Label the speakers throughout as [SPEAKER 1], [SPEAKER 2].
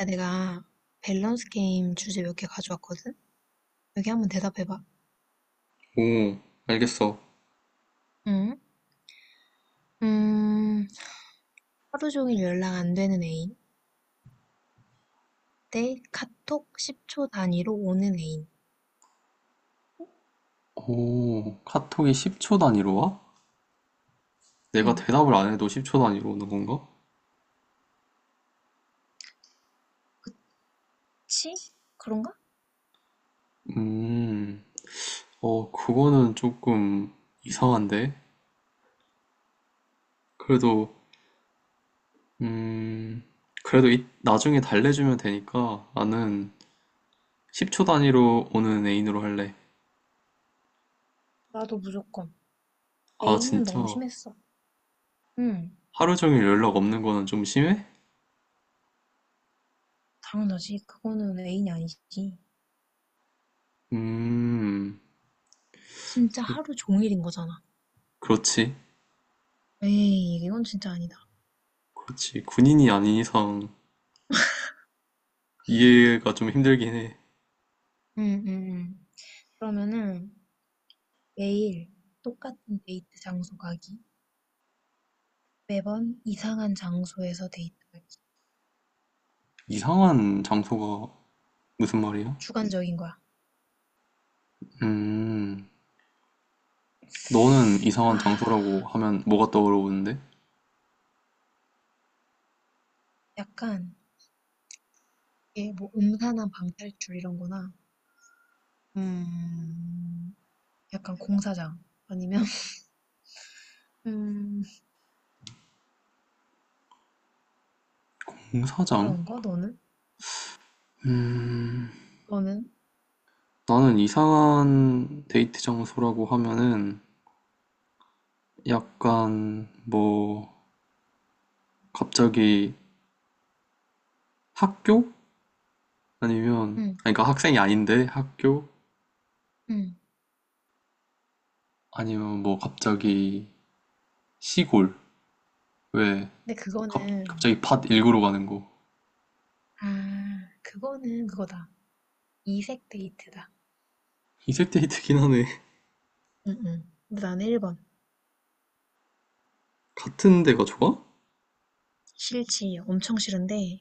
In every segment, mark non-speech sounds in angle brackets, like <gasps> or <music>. [SPEAKER 1] 야, 내가 밸런스 게임 주제 몇 개 가져왔거든? 여기 한번 대답해봐.
[SPEAKER 2] 오, 알겠어.
[SPEAKER 1] 응? 음, 하루 종일 연락 안 되는 애인 대 카톡 10초 단위로 오는 애인.
[SPEAKER 2] 오, 카톡이 10초 단위로 와? 내가
[SPEAKER 1] 응.
[SPEAKER 2] 대답을 안 해도 10초 단위로 오는 건가?
[SPEAKER 1] 치? 그런가?
[SPEAKER 2] 음, 그거는 조금 이상한데? 그래도, 음, 나중에 달래주면 되니까 나는 10초 단위로 오는 애인으로 할래.
[SPEAKER 1] 나도 무조건.
[SPEAKER 2] 아,
[SPEAKER 1] 애인은
[SPEAKER 2] 진짜?
[SPEAKER 1] 너무 심했어. 응.
[SPEAKER 2] 하루 종일 연락 없는 거는 좀 심해?
[SPEAKER 1] 당연하지. 그거는 애인이 아니지.
[SPEAKER 2] 음.
[SPEAKER 1] 진짜 하루 종일인 거잖아.
[SPEAKER 2] 그렇지.
[SPEAKER 1] 에이, 이건 진짜 아니다.
[SPEAKER 2] 그렇지. 군인이 아닌 이상 이해가 좀 힘들긴 해.
[SPEAKER 1] 응, 응, 응. 그러면은 매일 똑같은 데이트 장소 가기. 매번 이상한 장소에서 데이트가
[SPEAKER 2] 이상한 장소가 무슨 말이야?
[SPEAKER 1] 주관적인 거야.
[SPEAKER 2] 음, 너는 이상한
[SPEAKER 1] 아,
[SPEAKER 2] 장소라고 하면 뭐가 떠오르는데?
[SPEAKER 1] 약간 이게 뭐 음산한 방탈출 이런 거나 음, 약간 공사장 아니면 <laughs> 음,
[SPEAKER 2] 공사장?
[SPEAKER 1] 그런 거 너는? 너는?
[SPEAKER 2] 나는 이상한 데이트 장소라고 하면은 약간 뭐 갑자기 학교? 아니면
[SPEAKER 1] 응,
[SPEAKER 2] 아니 그러니까 학생이 아닌데 학교?
[SPEAKER 1] 응.
[SPEAKER 2] 아니면 뭐 갑자기 시골? 왜
[SPEAKER 1] 근데 그거는
[SPEAKER 2] 갑자기 밭 일구러 가는 거?
[SPEAKER 1] 아, 그거는 그거다. 이색 데이트다.
[SPEAKER 2] 이색 데이트긴 하네.
[SPEAKER 1] 응, 응. 근데 나는 1번.
[SPEAKER 2] <laughs> 같은 데가 좋아?
[SPEAKER 1] 싫지. 엄청 싫은데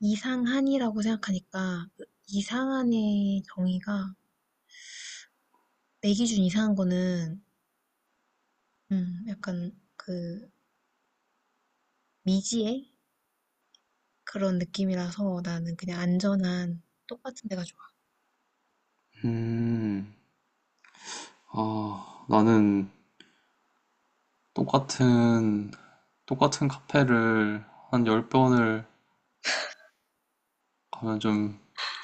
[SPEAKER 1] 이상한이라고 생각하니까 그 이상한의 정의가 내 기준 이상한 거는 약간 그 미지의 그런 느낌이라서 나는 그냥 안전한 똑같은 데가 좋아.
[SPEAKER 2] 음, 아, 나는 똑같은 똑같은 카페를 한 10번을 가면 좀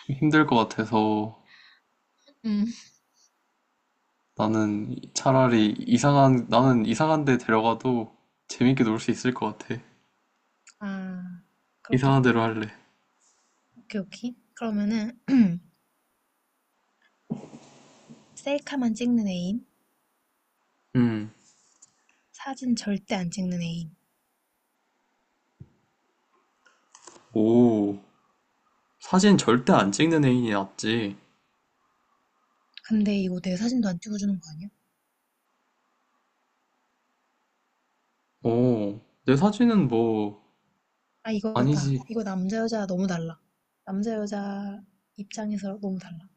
[SPEAKER 2] 힘들 것 같아서
[SPEAKER 1] 음.
[SPEAKER 2] 나는 차라리 나는 이상한 데 데려가도 재밌게 놀 수 있을 것 같아.
[SPEAKER 1] 아,
[SPEAKER 2] 이상한 데로
[SPEAKER 1] 그렇겠다.
[SPEAKER 2] 할래.
[SPEAKER 1] 오케이, 오케이. 그러면은 <clears throat> 셀카만 찍는 애인,
[SPEAKER 2] 음.
[SPEAKER 1] 사진 절대 안 찍는 애인.
[SPEAKER 2] 오. 사진 절대 안 찍는 애인이 낫지.
[SPEAKER 1] 근데 이거 내 사진도 안 찍어주는 거 아니야?
[SPEAKER 2] 오. 내 사진은 뭐,
[SPEAKER 1] 아, 이거다.
[SPEAKER 2] 아니지.
[SPEAKER 1] 이거 남자 여자 너무 달라. 남자 여자 입장에서 너무 달라.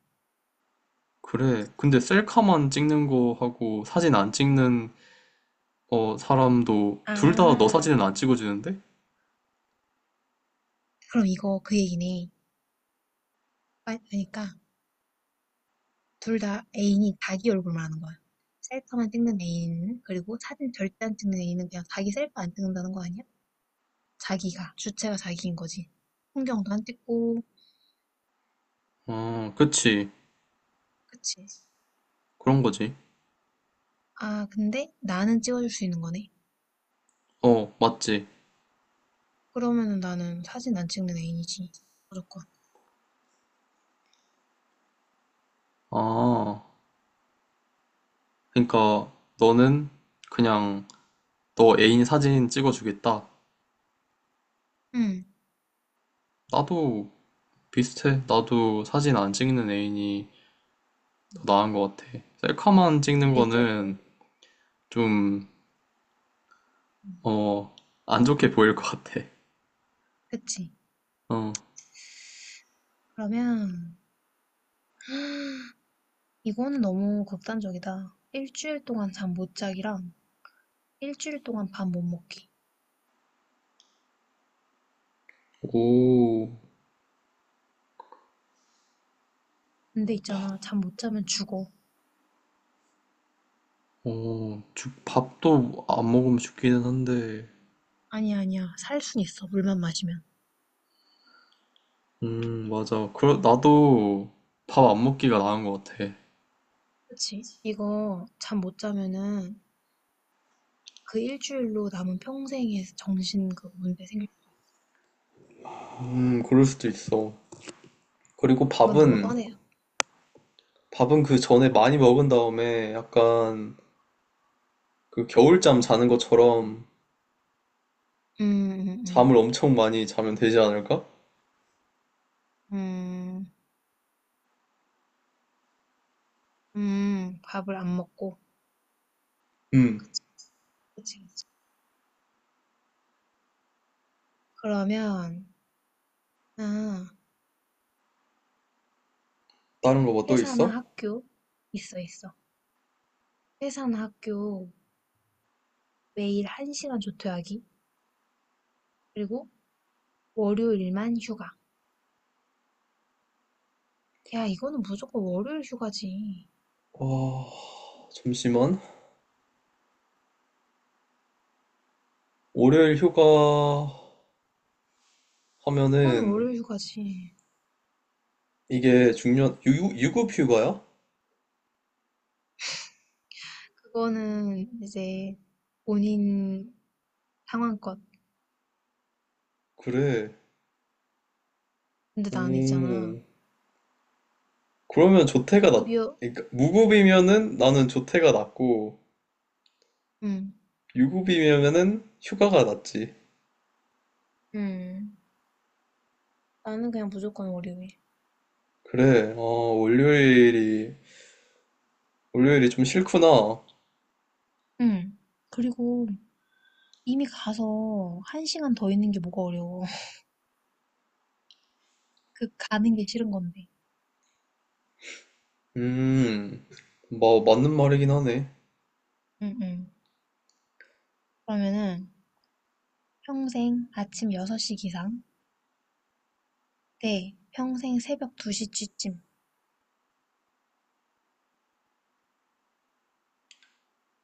[SPEAKER 2] 그래. 근데 셀카만 찍는 거 하고 사진 안 찍는 어, 사람도 둘 다 너
[SPEAKER 1] 아,
[SPEAKER 2] 사진은 안 찍어주는데?
[SPEAKER 1] 그럼 이거 그 얘기네. 아, 그러니까 둘 다 애인이 자기 얼굴만 하는 거야. 셀카만 찍는 애인, 그리고 사진 절대 안 찍는 애인은 그냥 자기 셀카 안 찍는다는 거 아니야? 자기가, 주체가 자기인 거지. 풍경도 안 찍고,
[SPEAKER 2] 어, 그치.
[SPEAKER 1] 그치.
[SPEAKER 2] 그런 거지.
[SPEAKER 1] 아, 근데 나는 찍어줄 수 있는 거네.
[SPEAKER 2] 어, 맞지.
[SPEAKER 1] 그러면은 나는 사진 안 찍는 애인이지. 무조건.
[SPEAKER 2] 아, 그러니까 너는 그냥 너 애인 사진 찍어주겠다.
[SPEAKER 1] 응.
[SPEAKER 2] 나도 비슷해. 나도 사진 안 찍는 애인이 더 나은 것 같아. 셀카만 찍는
[SPEAKER 1] 그리고,
[SPEAKER 2] 거는 좀,
[SPEAKER 1] 음,
[SPEAKER 2] 어, 안 좋게 보일 것 같아.
[SPEAKER 1] 그치.
[SPEAKER 2] 어.
[SPEAKER 1] 그러면, <gasps> 이거는 너무 극단적이다. 일주일 동안 잠 못 자기랑 일주일 동안 밥 못 먹기.
[SPEAKER 2] 오,
[SPEAKER 1] 근데 있잖아, 잠 못 자면 죽어.
[SPEAKER 2] 밥도 안 먹으면 죽기는 한데,
[SPEAKER 1] 아니야, 아니야. 살 순 있어. 물만 마시면.
[SPEAKER 2] 맞아. 나도 밥 안 먹기가 나은 것 같아.
[SPEAKER 1] 그치? 이거 잠 못 자면은 그 일주일로 남은 평생의 정신 그 문제 생길.
[SPEAKER 2] 그럴 수도 있어. 그리고
[SPEAKER 1] 이건 너무 뻔해요.
[SPEAKER 2] 밥은 그 전에 많이 먹은 다음에 약간 그 겨울잠 자는 것처럼
[SPEAKER 1] 음, 음, 음,
[SPEAKER 2] 잠을 엄청 많이 자면 되지 않을까?
[SPEAKER 1] 음, 밥을 안 먹고.
[SPEAKER 2] 음,
[SPEAKER 1] 그치, 그치, 그치. 그러면, 아,
[SPEAKER 2] 다른 거 뭐 또
[SPEAKER 1] 회사나
[SPEAKER 2] 있어?
[SPEAKER 1] 학교 있어, 있어. 회사나 학교 매일 1시간 조퇴하기. 그리고 월요일만 휴가. 야, 이거는 무조건 월요일 휴가지.
[SPEAKER 2] 와, 잠시만. 월요일 휴가
[SPEAKER 1] 이건
[SPEAKER 2] 하면은
[SPEAKER 1] 월요일 휴가지.
[SPEAKER 2] 이게 유급 휴가야?
[SPEAKER 1] 그거는 이제 본인 상황껏.
[SPEAKER 2] 그래.
[SPEAKER 1] 근데 나는 있잖아.
[SPEAKER 2] 오, 그러면 조퇴가 낫,
[SPEAKER 1] 무급이요.
[SPEAKER 2] 그러니까 무급이면은 나는 조퇴가 낫고,
[SPEAKER 1] 응,
[SPEAKER 2] 유급이면은 휴가가 낫지.
[SPEAKER 1] 음, 나는 그냥 무조건 월요일.
[SPEAKER 2] 그래, 아... 월요일이, 월요일이 좀 싫구나.
[SPEAKER 1] 응. 그리고 이미 가서 1시간 더 있는 게 뭐가 어려워. <laughs> 그 가는 게 싫은 건데.
[SPEAKER 2] 음, 뭐, 맞는 말이긴 하네.
[SPEAKER 1] 응, 응. 그러면은 평생 아침 6시 기상 대 평생 새벽 2시쯤.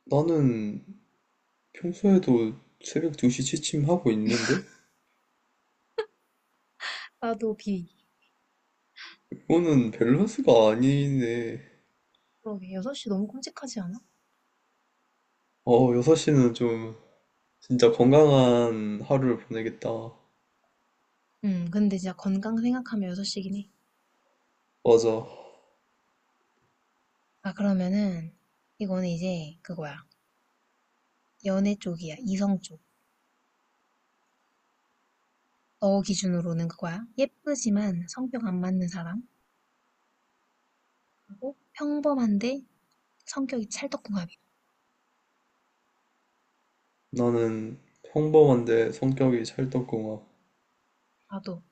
[SPEAKER 2] 나는 평소에도 새벽 2시 취침하고 있는데?
[SPEAKER 1] 나도 B.
[SPEAKER 2] 이거는 밸런스가 아니네.
[SPEAKER 1] 그러게, 6시 너무 끔찍하지 않아?
[SPEAKER 2] 어, 6시는 좀 진짜 건강한 하루를 보내겠다.
[SPEAKER 1] 응, 근데 진짜 건강 생각하면 6시긴 해.
[SPEAKER 2] 맞아.
[SPEAKER 1] 아, 그러면은, 이거는 이제 그거야. 연애 쪽이야. 이성 쪽. 너 기준으로는 그거야. 예쁘지만 성격 안 맞는 사람. 그리고 평범한데 성격이 찰떡궁합이야.
[SPEAKER 2] 나는 평범한데 성격이 찰떡궁합.
[SPEAKER 1] 나도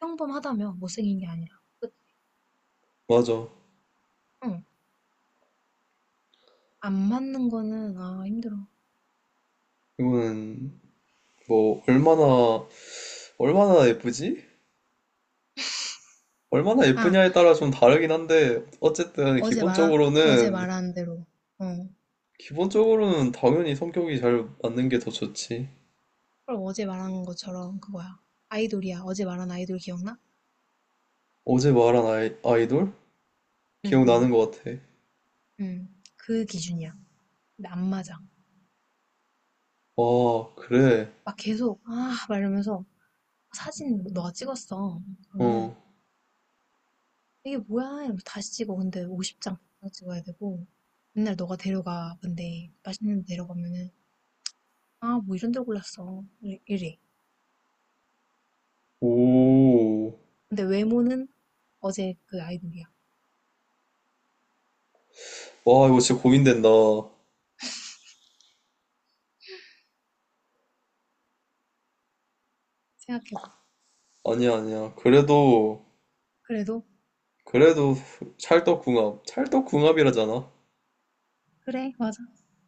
[SPEAKER 1] 평범하다며 못생긴 게 아니라. 끝.
[SPEAKER 2] 맞아.
[SPEAKER 1] 응. 안 맞는 거는, 아, 힘들어.
[SPEAKER 2] 이거는 뭐, 얼마나, 얼마나 예쁘지? 얼마나
[SPEAKER 1] 아,
[SPEAKER 2] 예쁘냐에 따라 좀 다르긴 한데, 어쨌든
[SPEAKER 1] 어제 말한, 어제
[SPEAKER 2] 기본적으로는
[SPEAKER 1] 말한 대로. 어.
[SPEAKER 2] 기본적으로는 당연히 성격이 잘 맞는 게 더 좋지.
[SPEAKER 1] 그럼 어제 말한 것처럼 그거야. 아이돌이야. 어제 말한 아이돌 기억나?
[SPEAKER 2] 어제 말한 아이돌?
[SPEAKER 1] 응,
[SPEAKER 2] 기억나는
[SPEAKER 1] 응,
[SPEAKER 2] 것 같아.
[SPEAKER 1] 응. 그 기준이야. 근데 안 맞아.
[SPEAKER 2] 아, 그래.
[SPEAKER 1] 막 계속, 아, 막 이러면서. 사진 뭐 너가 찍었어. 그러면은
[SPEAKER 2] 어.
[SPEAKER 1] 이게 뭐야? 이러면서 다시 찍어. 근데 50장, 장백 장 찍어야 되고 맨날 너가 데려가. 근데 맛있는 데 데려가면은 아, 뭐 이런 데 골랐어. 이래. 이래.
[SPEAKER 2] 오.
[SPEAKER 1] 근데 외모는 어제 그 아이돌이야.
[SPEAKER 2] 와, 이거 진짜 고민된다.
[SPEAKER 1] 생각해봐.
[SPEAKER 2] 아니야, 아니야. 그래도,
[SPEAKER 1] 그래도
[SPEAKER 2] 그래도 찰떡궁합이라잖아.
[SPEAKER 1] 그래, 맞아.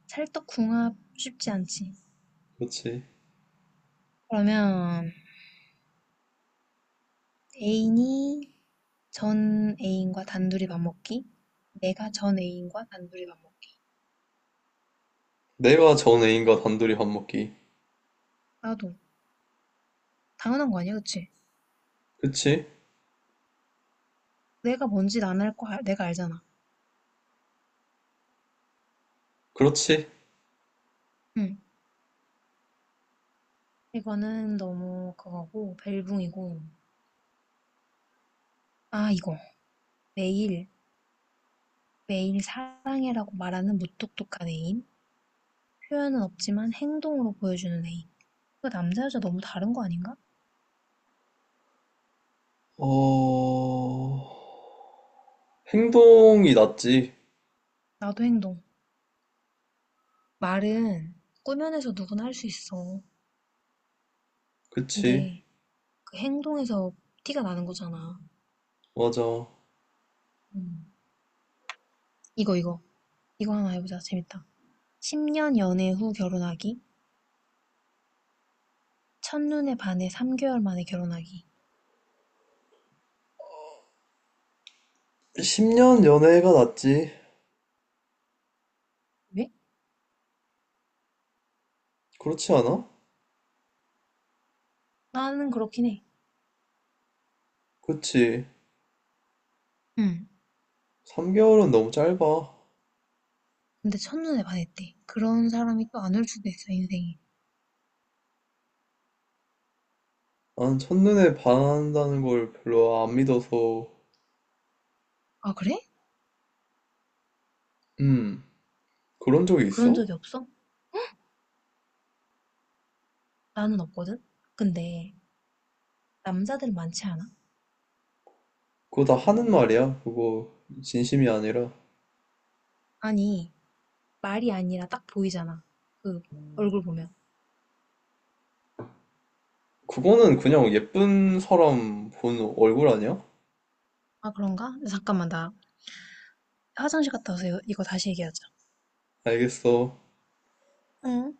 [SPEAKER 1] 찰떡궁합 쉽지 않지.
[SPEAKER 2] 그렇지.
[SPEAKER 1] 그러면 애인이 전 애인과 단둘이 밥 먹기? 내가 전 애인과 단둘이 밥 먹기.
[SPEAKER 2] 내가 전 애인과 단둘이 밥 먹기.
[SPEAKER 1] 나도 당연한 거 아니야, 그치?
[SPEAKER 2] 그치?
[SPEAKER 1] 내가 뭔지 난 알 거, 내가 알잖아.
[SPEAKER 2] 그렇지.
[SPEAKER 1] 응. 이거는 너무 그거고, 벨붕이고. 아, 이거. 매일, 매일 사랑해라고 말하는 무뚝뚝한 애인. 표현은 없지만 행동으로 보여주는 애인. 그 남자 여자 너무 다른 거 아닌가?
[SPEAKER 2] 어, 행동이 낫지.
[SPEAKER 1] 나도 행동. 말은 꾸며내서 누구나 할 수 있어.
[SPEAKER 2] 그치.
[SPEAKER 1] 근데 그 행동에서 티가 나는 거잖아.
[SPEAKER 2] 맞아.
[SPEAKER 1] 음. 이거, 이거. 이거 하나 해보자. 재밌다. 10년 연애 후 결혼하기. 첫눈에 반해 3개월 만에 결혼하기.
[SPEAKER 2] 10년 연애가 낫지.
[SPEAKER 1] 왜?
[SPEAKER 2] 그렇지 않아?
[SPEAKER 1] 나는 그렇긴 해.
[SPEAKER 2] 그치.
[SPEAKER 1] 응.
[SPEAKER 2] 3개월은 너무 짧아.
[SPEAKER 1] 근데 첫눈에 반했대. 그런 사람이 또 안 올 수도 있어, 인생이.
[SPEAKER 2] 난 첫눈에 반한다는 걸 별로 안 믿어서.
[SPEAKER 1] 아, 그래?
[SPEAKER 2] 음, 그런 적이
[SPEAKER 1] 그런
[SPEAKER 2] 있어?
[SPEAKER 1] 적이 없어? 나는 없거든? 근데 남자들 많지 않아?
[SPEAKER 2] 그거 다 하는 말이야, 그거 진심이 아니라.
[SPEAKER 1] 아니, 말이 아니라 딱 보이잖아. 그 얼굴 보면.
[SPEAKER 2] 그거는 그냥 예쁜 사람 본 얼굴 아니야?
[SPEAKER 1] 아, 그런가? 잠깐만, 나 화장실 갔다 와서 이거, 이거 다시 얘기하자.
[SPEAKER 2] 알겠어.
[SPEAKER 1] 응.